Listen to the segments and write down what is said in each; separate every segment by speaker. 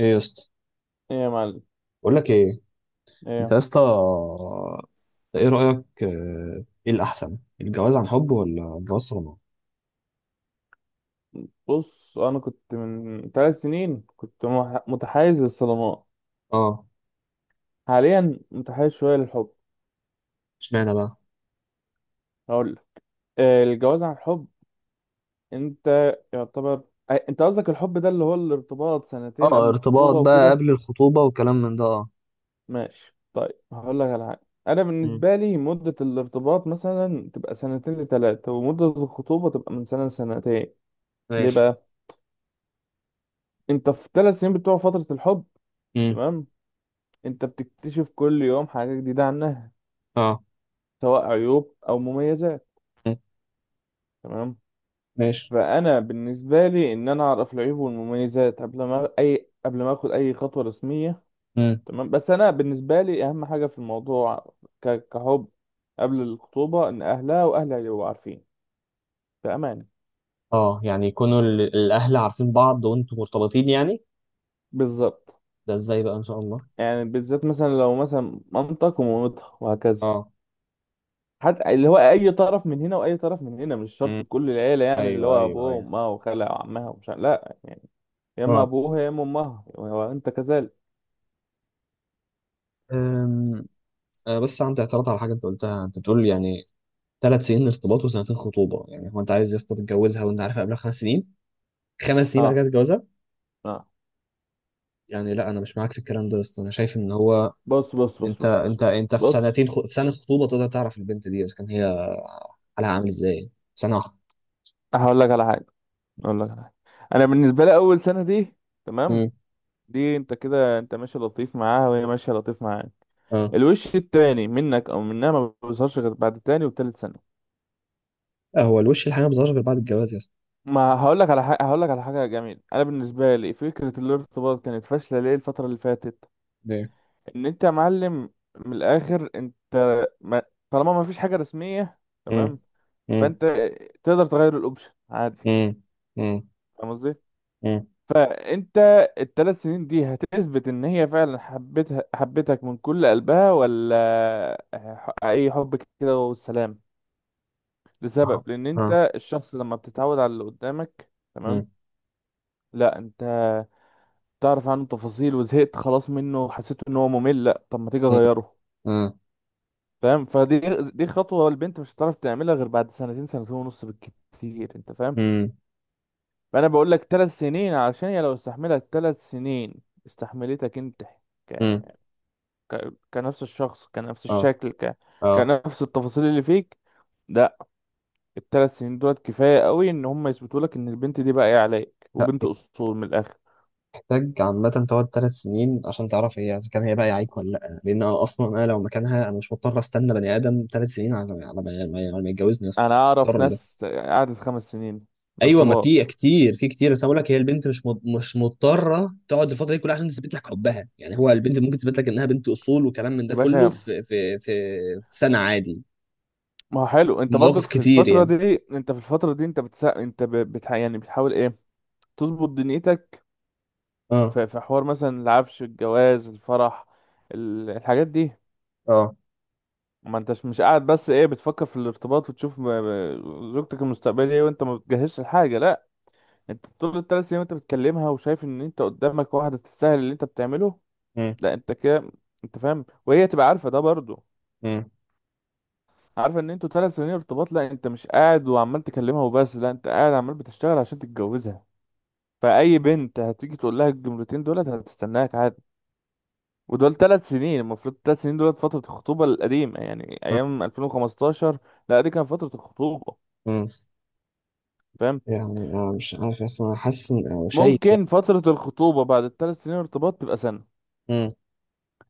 Speaker 1: ايه يا اسطى.
Speaker 2: ايه يا معلم،
Speaker 1: بقول لك ايه. انت
Speaker 2: ايه.
Speaker 1: يا اسطى، انت ايه رايك، ايه الاحسن، الجواز عن حب ولا الجواز صالونات؟
Speaker 2: بص، انا كنت من ثلاث سنين كنت متحيز للصدمات.
Speaker 1: اه.
Speaker 2: حاليا متحيز شويه للحب.
Speaker 1: اشمعنى بقى؟
Speaker 2: هقول لك. الجواز عن الحب. انت يعتبر. انت قصدك الحب ده اللي هو الارتباط سنتين
Speaker 1: اه،
Speaker 2: قبل
Speaker 1: ارتباط
Speaker 2: الخطوبه
Speaker 1: بقى
Speaker 2: وكده.
Speaker 1: قبل الخطوبة وكلام من ده، اه.
Speaker 2: ماشي طيب، هقول لك على حاجه. انا
Speaker 1: امم.
Speaker 2: بالنسبه لي مده الارتباط مثلا تبقى سنتين لثلاثه، ومده الخطوبه تبقى من سنه لسنتين. ليه
Speaker 1: ماشي.
Speaker 2: بقى؟ انت في ثلاث سنين بتوع فتره الحب،
Speaker 1: امم.
Speaker 2: تمام، انت بتكتشف كل يوم حاجه جديده عنها،
Speaker 1: اه.
Speaker 2: سواء عيوب او مميزات،
Speaker 1: مم.
Speaker 2: تمام.
Speaker 1: ماشي.
Speaker 2: فانا بالنسبه لي ان انا اعرف العيوب والمميزات قبل ما اي قبل ما اخد اي خطوه رسميه،
Speaker 1: امم.
Speaker 2: تمام. بس انا بالنسبه لي اهم حاجه في الموضوع كحب قبل الخطوبه ان اهلها واهلها يبقوا عارفين في امان.
Speaker 1: اه، يعني يكونوا الاهل عارفين بعض وانتوا مرتبطين يعني.
Speaker 2: بالظبط.
Speaker 1: ده ازاي بقى ان شاء الله؟
Speaker 2: يعني بالذات مثلا لو مثلا مامتك ومامتها وهكذا،
Speaker 1: اه.
Speaker 2: حتى اللي هو اي طرف من هنا واي طرف من هنا، مش
Speaker 1: امم.
Speaker 2: شرط كل العيله يعني اللي
Speaker 1: ايوه،
Speaker 2: هو
Speaker 1: ايوه،
Speaker 2: ابوها
Speaker 1: ايوه،
Speaker 2: وامها وخالها وعمها ومش لا، يا اما
Speaker 1: اه.
Speaker 2: ابوها يا اما امها وانت كذلك.
Speaker 1: أم، بس عندي اعتراض على حاجه انت قلتها، انت بتقول يعني 3 سنين ارتباط وسنتين خطوبه، يعني هو انت عايز يا اسطى تتجوزها وانت عارفها قبلها 5 سنين؟ 5 سنين بعد
Speaker 2: اه.
Speaker 1: كده تتجوزها؟
Speaker 2: آه.
Speaker 1: يعني لا، انا مش معاك في الكلام ده يا اسطى. انا شايف ان هو
Speaker 2: بص بص بص
Speaker 1: انت
Speaker 2: بص بص
Speaker 1: انت
Speaker 2: بص
Speaker 1: انت في
Speaker 2: بص.
Speaker 1: في سنه خطوبه تقدر تعرف البنت دي اذا كان هي حالها عامل ازاي. سنه واحده.
Speaker 2: هقول لك على حاجه هقول لك على حاجه. انا بالنسبه لي اول سنه دي، تمام،
Speaker 1: امم.
Speaker 2: دي انت كده انت ماشي لطيف معاها وهي ماشيه لطيف معاك.
Speaker 1: اه.
Speaker 2: الوش التاني منك او منها ما بيظهرش غير بعد تاني وتالت سنه.
Speaker 1: هو الوش الحقيقي ما بيظهرش غير بعد الجواز يا اسطى.
Speaker 2: ما هقول لك على حاجه، هقول لك على حاجه جميله. انا بالنسبه لي فكره الارتباط كانت فاشله ليه الفتره اللي فاتت؟
Speaker 1: ليه؟
Speaker 2: ان انت يا معلم، من الاخر انت، ما طالما ما فيش حاجه رسميه،
Speaker 1: مم.
Speaker 2: تمام،
Speaker 1: مم.
Speaker 2: فانت تقدر تغير الاوبشن عادي.
Speaker 1: مم. مم.
Speaker 2: فاهم قصدي؟
Speaker 1: مم.
Speaker 2: فانت الثلاث سنين دي هتثبت ان هي فعلا حبتها حبتك من كل قلبها، ولا اي حب كده والسلام.
Speaker 1: اه.
Speaker 2: لسبب لان
Speaker 1: اه.
Speaker 2: انت الشخص لما بتتعود على اللي قدامك، تمام،
Speaker 1: مم.
Speaker 2: لا انت تعرف عنه تفاصيل وزهقت خلاص منه، حسيت ان هو ممل. لا طب ما تيجي
Speaker 1: مم.
Speaker 2: اغيره.
Speaker 1: مم.
Speaker 2: فاهم؟ فدي دي خطوة البنت مش هتعرف تعملها غير بعد سنتين سنتين ونص بالكتير، انت فاهم.
Speaker 1: مم.
Speaker 2: فانا بقول لك ثلاث سنين علشان هي لو استحملت ثلاث سنين استحملتك انت،
Speaker 1: مم.
Speaker 2: كنفس الشخص كنفس
Speaker 1: اه.
Speaker 2: الشكل
Speaker 1: اه.
Speaker 2: كنفس التفاصيل اللي فيك. لا، الثلاث سنين دولت كفاية قوي ان هم يثبتوا لك ان البنت دي باقية عليك
Speaker 1: لا،
Speaker 2: وبنت اصول من الاخر.
Speaker 1: محتاج عامة تقعد 3 سنين عشان تعرف هي إذا كان هي بقى يعيك ولا لأ؟ لأن أنا أصلا أنا لو مكانها أنا مش مضطر أستنى بني آدم 3 سنين على ما، على ما يتجوزني أصلا.
Speaker 2: انا اعرف
Speaker 1: مضطر ده؟
Speaker 2: ناس قعدت خمس سنين
Speaker 1: أيوه، ما في
Speaker 2: ارتباط
Speaker 1: كتير، في كتير، بس أنا بقول لك هي البنت مش مضطرة تقعد الفترة دي كلها عشان تثبت لك حبها. يعني هو البنت ممكن تثبت لك إنها بنت أصول وكلام من ده
Speaker 2: يا
Speaker 1: كله
Speaker 2: باشا.
Speaker 1: في في سنة عادي.
Speaker 2: ما هو حلو، انت
Speaker 1: مواقف
Speaker 2: برضك في
Speaker 1: كتير
Speaker 2: الفترة
Speaker 1: يعني.
Speaker 2: دي انت في الفترة دي انت بتسا... انت ب... بتح... يعني بتحاول ايه؟ تظبط دنيتك،
Speaker 1: اه.
Speaker 2: في حوار مثلا العفش، الجواز، الفرح، الحاجات دي.
Speaker 1: اه.
Speaker 2: ما انتش مش قاعد بس ايه بتفكر في الارتباط وتشوف زوجتك المستقبلية ايه، وانت ما بتجهزش الحاجة. لا، انت طول الثلاث سنين وانت بتكلمها وشايف ان انت قدامك واحدة تستاهل اللي انت بتعمله.
Speaker 1: مم.
Speaker 2: لا انت كده، انت فاهم، وهي تبقى عارفة ده برضو،
Speaker 1: مم.
Speaker 2: عارفة ان انتوا ثلاث سنين ارتباط. لا انت مش قاعد وعمال تكلمها وبس، لا انت قاعد عمال بتشتغل عشان تتجوزها. فأي بنت هتيجي تقول لها الجملتين دولت هتستناك عادي. ودول ثلاث سنين المفروض، ثلاث سنين دولت فترة الخطوبة القديمة يعني
Speaker 1: مم.
Speaker 2: أيام 2015. لا دي كانت فترة الخطوبة.
Speaker 1: مم.
Speaker 2: فاهم؟
Speaker 1: يعني أنا مش عارف أصلا، أنا حاسس أو شايف يعني.
Speaker 2: ممكن فترة الخطوبة بعد الثلاث سنين ارتباط تبقى سنة.
Speaker 1: مم.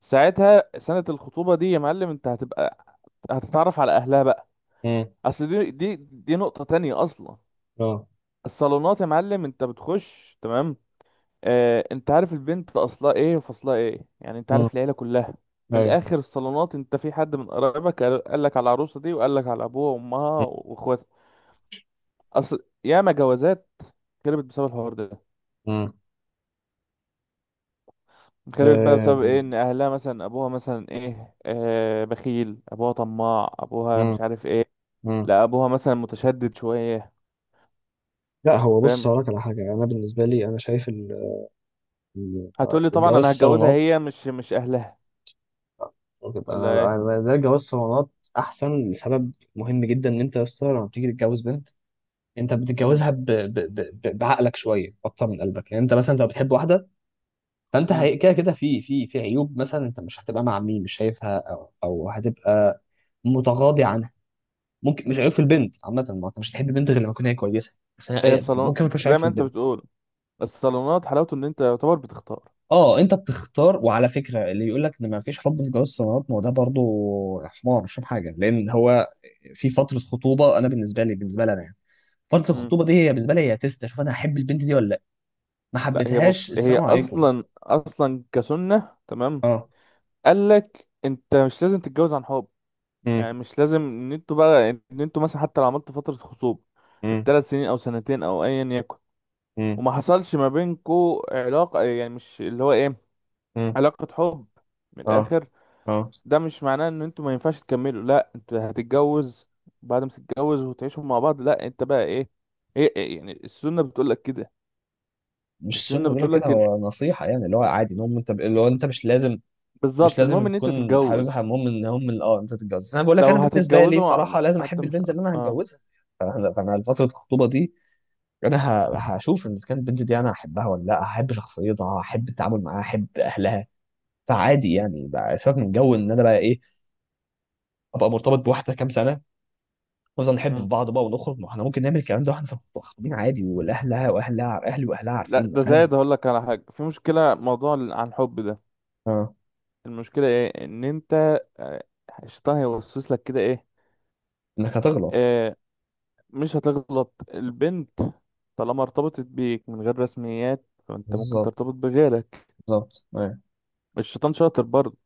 Speaker 2: ساعتها سنة الخطوبة دي يا معلم، انت هتبقى هتتعرف على اهلها بقى.
Speaker 1: مم.
Speaker 2: اصل دي نقطة تانية اصلا. الصالونات يا معلم انت بتخش تمام، اه، انت عارف البنت اصلها ايه وفصلها ايه، يعني انت
Speaker 1: اه.
Speaker 2: عارف العيلة كلها. من
Speaker 1: ايوه.
Speaker 2: الاخر الصالونات، انت في حد من قرايبك قال لك على العروسة دي وقال لك على ابوها وامها واخواتها. اصل ياما جوازات خربت بسبب الحوار ده.
Speaker 1: مم.
Speaker 2: خربت بقى
Speaker 1: آه،
Speaker 2: بسبب ايه؟ ان اهلها مثلا، ابوها مثلا ايه، آه، بخيل، ابوها طماع، ابوها
Speaker 1: مم.
Speaker 2: مش عارف ايه.
Speaker 1: مم.
Speaker 2: لا، ابوها مثلا متشدد شويه.
Speaker 1: لا، هو بص
Speaker 2: فاهم؟
Speaker 1: هقولك على حاجة. أنا بالنسبة لي أنا شايف ال-
Speaker 2: هتقولي طبعا
Speaker 1: الجواز
Speaker 2: انا هتجوزها
Speaker 1: صالونات.
Speaker 2: هي، مش اهلها.
Speaker 1: أنا
Speaker 2: ولا ايه؟
Speaker 1: أنا بالنسبة لي جواز صالونات أحسن لسبب مهم جدا. إن أنت يا اسطى لما بتيجي تتجوز بنت، أنت
Speaker 2: امم.
Speaker 1: بتتجوزها بعقلك شوية أكتر من قلبك. يعني أنت مثلا لو بتحب واحدة، فأنت
Speaker 2: امم.
Speaker 1: كده كده في في عيوب مثلا. أنت مش هتبقى مع مين مش شايفها، أو هتبقى متغاضي عن، ممكن مش عيب
Speaker 2: امم.
Speaker 1: في البنت عامة، ما انت مش هتحب البنت غير لما تكون هي كويسة. بس انا
Speaker 2: هي الصالون
Speaker 1: ممكن ما يكونش عيب
Speaker 2: زي
Speaker 1: في
Speaker 2: ما انت
Speaker 1: البنت.
Speaker 2: بتقول، الصالونات حلاوته ان انت يعتبر بتختار.
Speaker 1: اه، انت بتختار، وعلى فكرة اللي يقول لك ان ما فيش حب في جواز الصالونات، ما هو ده برضه حمار مش فاهم حاجة، لان هو في فترة خطوبة. انا بالنسبة لي انا يعني فترة
Speaker 2: امم.
Speaker 1: الخطوبة دي هي بالنسبة لي هي تيست اشوف انا هحب البنت دي ولا لا. ما
Speaker 2: لا هي،
Speaker 1: حبيتهاش
Speaker 2: بص، هي
Speaker 1: السلام عليكم.
Speaker 2: اصلا كسنه، تمام،
Speaker 1: اه.
Speaker 2: قال لك انت مش لازم تتجوز عن حب.
Speaker 1: امم.
Speaker 2: يعني مش لازم ان انتوا مثلا حتى لو عملتوا فترة خطوبة
Speaker 1: امم.
Speaker 2: الثلاث سنين او سنتين او ايا يكن،
Speaker 1: امم.
Speaker 2: وما حصلش ما بينكوا علاقة يعني مش اللي هو ايه،
Speaker 1: امم.
Speaker 2: علاقة حب، من
Speaker 1: اه.
Speaker 2: الاخر،
Speaker 1: اه.
Speaker 2: ده مش معناه ان انتوا ما ينفعش تكملوا. لا انتوا هتتجوز، بعد ما تتجوز وتعيشوا مع بعض، لا انت بقى ايه، إيه يعني، السنة بتقول لك كده.
Speaker 1: مش السنة
Speaker 2: السنة
Speaker 1: بيقول لك
Speaker 2: بتقول
Speaker 1: كده،
Speaker 2: لك إن...
Speaker 1: هو نصيحة يعني اللي هو عادي ان هو انت، اللي هو انت مش لازم، مش
Speaker 2: بالظبط، المهم
Speaker 1: لازم
Speaker 2: ان انت
Speaker 1: تكون بتحببها،
Speaker 2: تتجوز.
Speaker 1: المهم ان هم اه انت تتجوز. بس انا بقول لك
Speaker 2: لو
Speaker 1: انا بالنسبه لي
Speaker 2: هتتجوزوا
Speaker 1: بصراحه لازم
Speaker 2: حتى
Speaker 1: احب
Speaker 2: مش.
Speaker 1: البنت اللي انا
Speaker 2: اه.
Speaker 1: هتجوزها. فأنا فتره الخطوبه دي انا هشوف ان إذا كانت البنت دي انا هحبها ولا لا، هحب شخصيتها، هحب التعامل معاها، هحب اهلها. فعادي يعني بقى، سيبك من جو ان انا بقى ايه، ابقى مرتبط بواحده كام سنه، نفضل نحب في
Speaker 2: مم.
Speaker 1: بعض بقى ونخرج. ما احنا ممكن نعمل الكلام ده واحنا خطوبين عادي، والاهلها واهلها، اهلي واهلها
Speaker 2: لا،
Speaker 1: عارفين،
Speaker 2: ده
Speaker 1: فاهم.
Speaker 2: زايد. هقول لك على حاجة، في مشكلة موضوع عن الحب ده.
Speaker 1: اه،
Speaker 2: المشكلة ايه؟ ان انت آه، الشيطان هيوسوس لك كده ايه؟
Speaker 1: انك هتغلط.
Speaker 2: آه، مش هتغلط البنت، طالما ارتبطت بيك من غير رسميات فانت ممكن
Speaker 1: بالظبط.
Speaker 2: ترتبط بغيرك.
Speaker 1: بالظبط، أيوة.
Speaker 2: الشيطان شاطر برضه.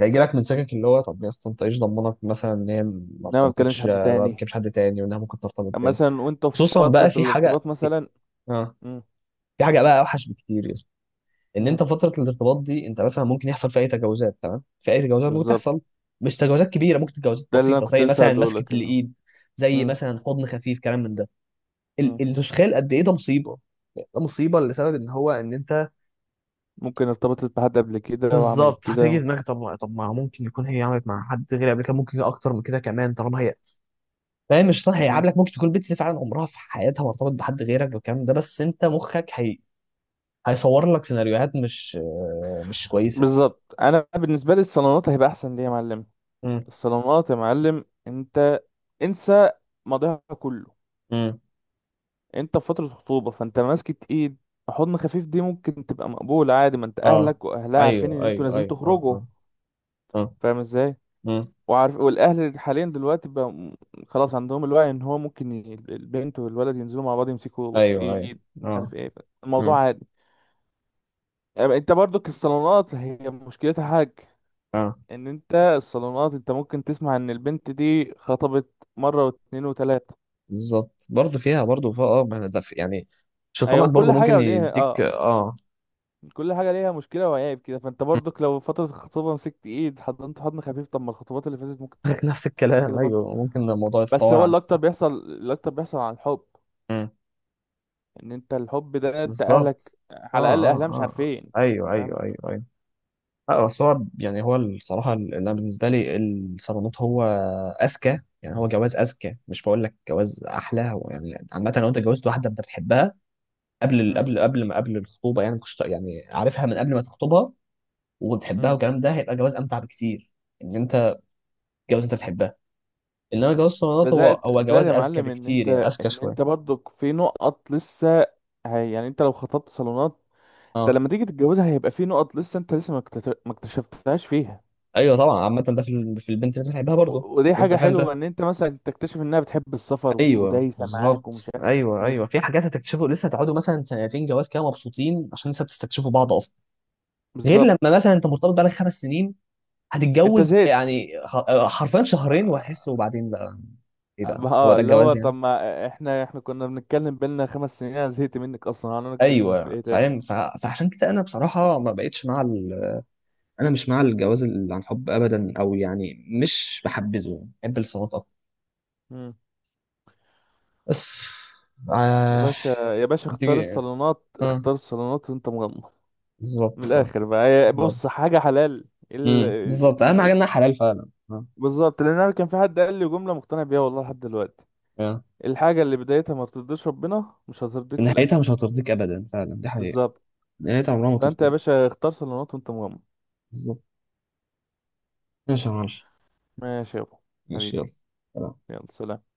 Speaker 1: هيجي لك من سكك اللي هو، طب يا اسطى انت ايش ضمنك مثلا ان هي ما
Speaker 2: انما ما بتكلمش
Speaker 1: ارتبطتش،
Speaker 2: حد
Speaker 1: ما
Speaker 2: تاني
Speaker 1: بتكلمش حد تاني، وانها ممكن ترتبط تاني.
Speaker 2: مثلا وانت في
Speaker 1: خصوصا بقى
Speaker 2: فترة
Speaker 1: في حاجه.
Speaker 2: الارتباط مثلا.
Speaker 1: اه.
Speaker 2: مم.
Speaker 1: في حاجه بقى اوحش بكتير يا اسطى، ان
Speaker 2: مم.
Speaker 1: انت فتره الارتباط دي انت مثلا ممكن يحصل فيها اي تجاوزات. تمام. في اي تجاوزات ممكن
Speaker 2: بالظبط.
Speaker 1: تحصل، مش تجاوزات كبيره، ممكن تجاوزات
Speaker 2: ده اللي انا
Speaker 1: بسيطه،
Speaker 2: كنت
Speaker 1: زي
Speaker 2: لسه
Speaker 1: مثلا
Speaker 2: هقوله
Speaker 1: مسكه
Speaker 2: لك اللي هو.
Speaker 1: الايد، زي
Speaker 2: مم.
Speaker 1: مثلا حضن خفيف كلام من ده.
Speaker 2: مم.
Speaker 1: انت مش متخيل قد ايه ده مصيبه. ده مصيبه لسبب ان هو ان انت.
Speaker 2: ممكن ارتبطت بحد قبل كده وعملت
Speaker 1: بالظبط. هتيجي
Speaker 2: كده.
Speaker 1: في دماغك طب ما، طب ما ممكن يكون هي عملت مع حد غير قبل كده، ممكن اكتر من كده كمان، طالما هي فاهم. مش صح؟
Speaker 2: مم.
Speaker 1: هيقعد لك، ممكن تكون البت دي فعلا عمرها في حياتها ما ارتبط بحد غيرك والكلام ده، بس انت مخك هيصور لك سيناريوهات مش، مش كويسه.
Speaker 2: بالظبط، انا بالنسبة لي الصالونات هيبقى احسن ليه يا معلم.
Speaker 1: امم.
Speaker 2: الصالونات يا معلم، انت انسى ماضيها كله.
Speaker 1: امم.
Speaker 2: انت في فترة خطوبة، فانت ماسكة ايد، حضن خفيف، دي ممكن تبقى مقبولة عادي، ما انت
Speaker 1: اه.
Speaker 2: اهلك واهلها عارفين
Speaker 1: ايوه،
Speaker 2: ان انتوا
Speaker 1: ايوه،
Speaker 2: نازلين
Speaker 1: ايوه، اه،
Speaker 2: تخرجوا.
Speaker 1: اه. اه.
Speaker 2: فاهم ازاي؟
Speaker 1: امم.
Speaker 2: وعارف، والاهل حاليا دلوقتي بقى خلاص عندهم الوعي ان هو ممكن البنت والولد ينزلوا مع بعض يمسكوا
Speaker 1: ايوه، ايوه،
Speaker 2: ايد مش عارف
Speaker 1: اه.
Speaker 2: ايه.
Speaker 1: امم.
Speaker 2: الموضوع عادي. أما انت برضو الصالونات هي مشكلتها حاجة،
Speaker 1: اه.
Speaker 2: ان انت الصالونات انت ممكن تسمع ان البنت دي خطبت مرة واتنين وتلاتة.
Speaker 1: بالظبط، برضه فيها، برضه فيها اه، ما أنا ده يعني شيطانك
Speaker 2: ايوه،
Speaker 1: برضه
Speaker 2: كل
Speaker 1: ممكن
Speaker 2: حاجه وليها
Speaker 1: يديك
Speaker 2: اه،
Speaker 1: اه.
Speaker 2: كل حاجه ليها مشكله وعيب كده. فانت
Speaker 1: مم.
Speaker 2: برضك لو فتره الخطوبه مسكت ايد حضنت حضن خفيف، طب ما الخطوبات اللي فاتت ممكن
Speaker 1: نفس
Speaker 2: تبقى كده
Speaker 1: الكلام.
Speaker 2: برضه.
Speaker 1: ايوه، ممكن الموضوع
Speaker 2: بس
Speaker 1: يتطور
Speaker 2: هو
Speaker 1: عن.
Speaker 2: اللي اكتر بيحصل، اللي اكتر بيحصل عن الحب،
Speaker 1: مم.
Speaker 2: ان انت الحب ده انت اهلك
Speaker 1: بالظبط. اه،
Speaker 2: على الاقل
Speaker 1: اه،
Speaker 2: اهلها
Speaker 1: اه.
Speaker 2: مش عارفين.
Speaker 1: آه. ايوه،
Speaker 2: فاهم؟
Speaker 1: ايوه، ايوه، أيوه. لا بس هو يعني هو الصراحة اللي أنا بالنسبة لي الصالونات هو أذكى، يعني هو جواز أذكى، مش بقول لك جواز أحلى. هو يعني عامة لو أنت جوزت واحدة أنت بتحبها قبل
Speaker 2: امم.
Speaker 1: قبل قبل ما قبل الخطوبة، يعني كنت يعني عارفها من قبل ما تخطبها وبتحبها
Speaker 2: امم.
Speaker 1: والكلام ده، هيبقى جواز أمتع بكتير. إن أنت جواز أنت بتحبها. إنما جواز
Speaker 2: ده
Speaker 1: الصالونات هو
Speaker 2: زائد
Speaker 1: هو
Speaker 2: زائد
Speaker 1: جواز
Speaker 2: يا
Speaker 1: أذكى
Speaker 2: معلم، ان
Speaker 1: بكتير،
Speaker 2: انت
Speaker 1: يعني أذكى
Speaker 2: ان انت
Speaker 1: شوية.
Speaker 2: برضك في نقط لسه، هي يعني انت لو خطبت صالونات، انت
Speaker 1: أه.
Speaker 2: لما تيجي تتجوزها هيبقى في نقط لسه انت لسه ما اكتشفتهاش فيها.
Speaker 1: أيوه طبعا، عامة ده في في البنت اللي أنت بتحبها برضه
Speaker 2: ودي
Speaker 1: لازم
Speaker 2: حاجة
Speaker 1: تبقى فاهم ده.
Speaker 2: حلوة ان انت مثلا تكتشف انها بتحب السفر
Speaker 1: ايوه
Speaker 2: ودايسة معاك ومش
Speaker 1: بالظبط،
Speaker 2: عارف
Speaker 1: ايوه، ايوه.
Speaker 2: ايه.
Speaker 1: في حاجات هتكتشفوا لسه، هتقعدوا مثلا سنتين جواز كده مبسوطين عشان لسه بتستكشفوا بعض اصلا. غير لما
Speaker 2: بالظبط.
Speaker 1: مثلا انت مرتبط بقالك 5 سنين،
Speaker 2: انت
Speaker 1: هتتجوز
Speaker 2: زهقت.
Speaker 1: يعني حرفيا شهرين
Speaker 2: اه.
Speaker 1: وهتحس وبعدين بقى ايه ده. هو ده
Speaker 2: اللي هو
Speaker 1: الجواز يعني.
Speaker 2: طب ما احنا كنا بنتكلم بينا خمس سنين، انا زهقت منك اصلا، انا نتكلم في
Speaker 1: ايوه
Speaker 2: ايه تاني؟
Speaker 1: فاهم. فعشان كده انا بصراحه ما بقتش مع انا مش مع الجواز اللي عن حب ابدا، او يعني مش بحبذه، بحب الصالونات اكتر.
Speaker 2: مم.
Speaker 1: بس.
Speaker 2: يا
Speaker 1: آه...
Speaker 2: باشا يا باشا، اختار
Speaker 1: هتيجي.
Speaker 2: الصالونات
Speaker 1: اه.
Speaker 2: اختار الصالونات وانت مغمض. من
Speaker 1: بالظبط.
Speaker 2: الاخر بقى،
Speaker 1: بالظبط.
Speaker 2: بص، حاجة حلال. ال...
Speaker 1: بالظبط، اهم حاجه انها حلال، فعلا اه.
Speaker 2: بالظبط، لان انا كان في حد قال لي جملة مقتنع بيها والله لحد دلوقتي.
Speaker 1: آه.
Speaker 2: الحاجة اللي بدايتها ما بترضيش ربنا مش هترضيك في الاخر.
Speaker 1: نهايتها مش هترضيك ابدا، فعلا دي حقيقه.
Speaker 2: بالظبط.
Speaker 1: نهايتها عمرها ما
Speaker 2: فانت يا
Speaker 1: ترضيك.
Speaker 2: باشا اختار صالونات وانت مغمض.
Speaker 1: بالظبط. ماشي يا معلم.
Speaker 2: ماشي يابا.
Speaker 1: ماشي
Speaker 2: حبيبي.
Speaker 1: يلا. سلام.
Speaker 2: يلا سلام.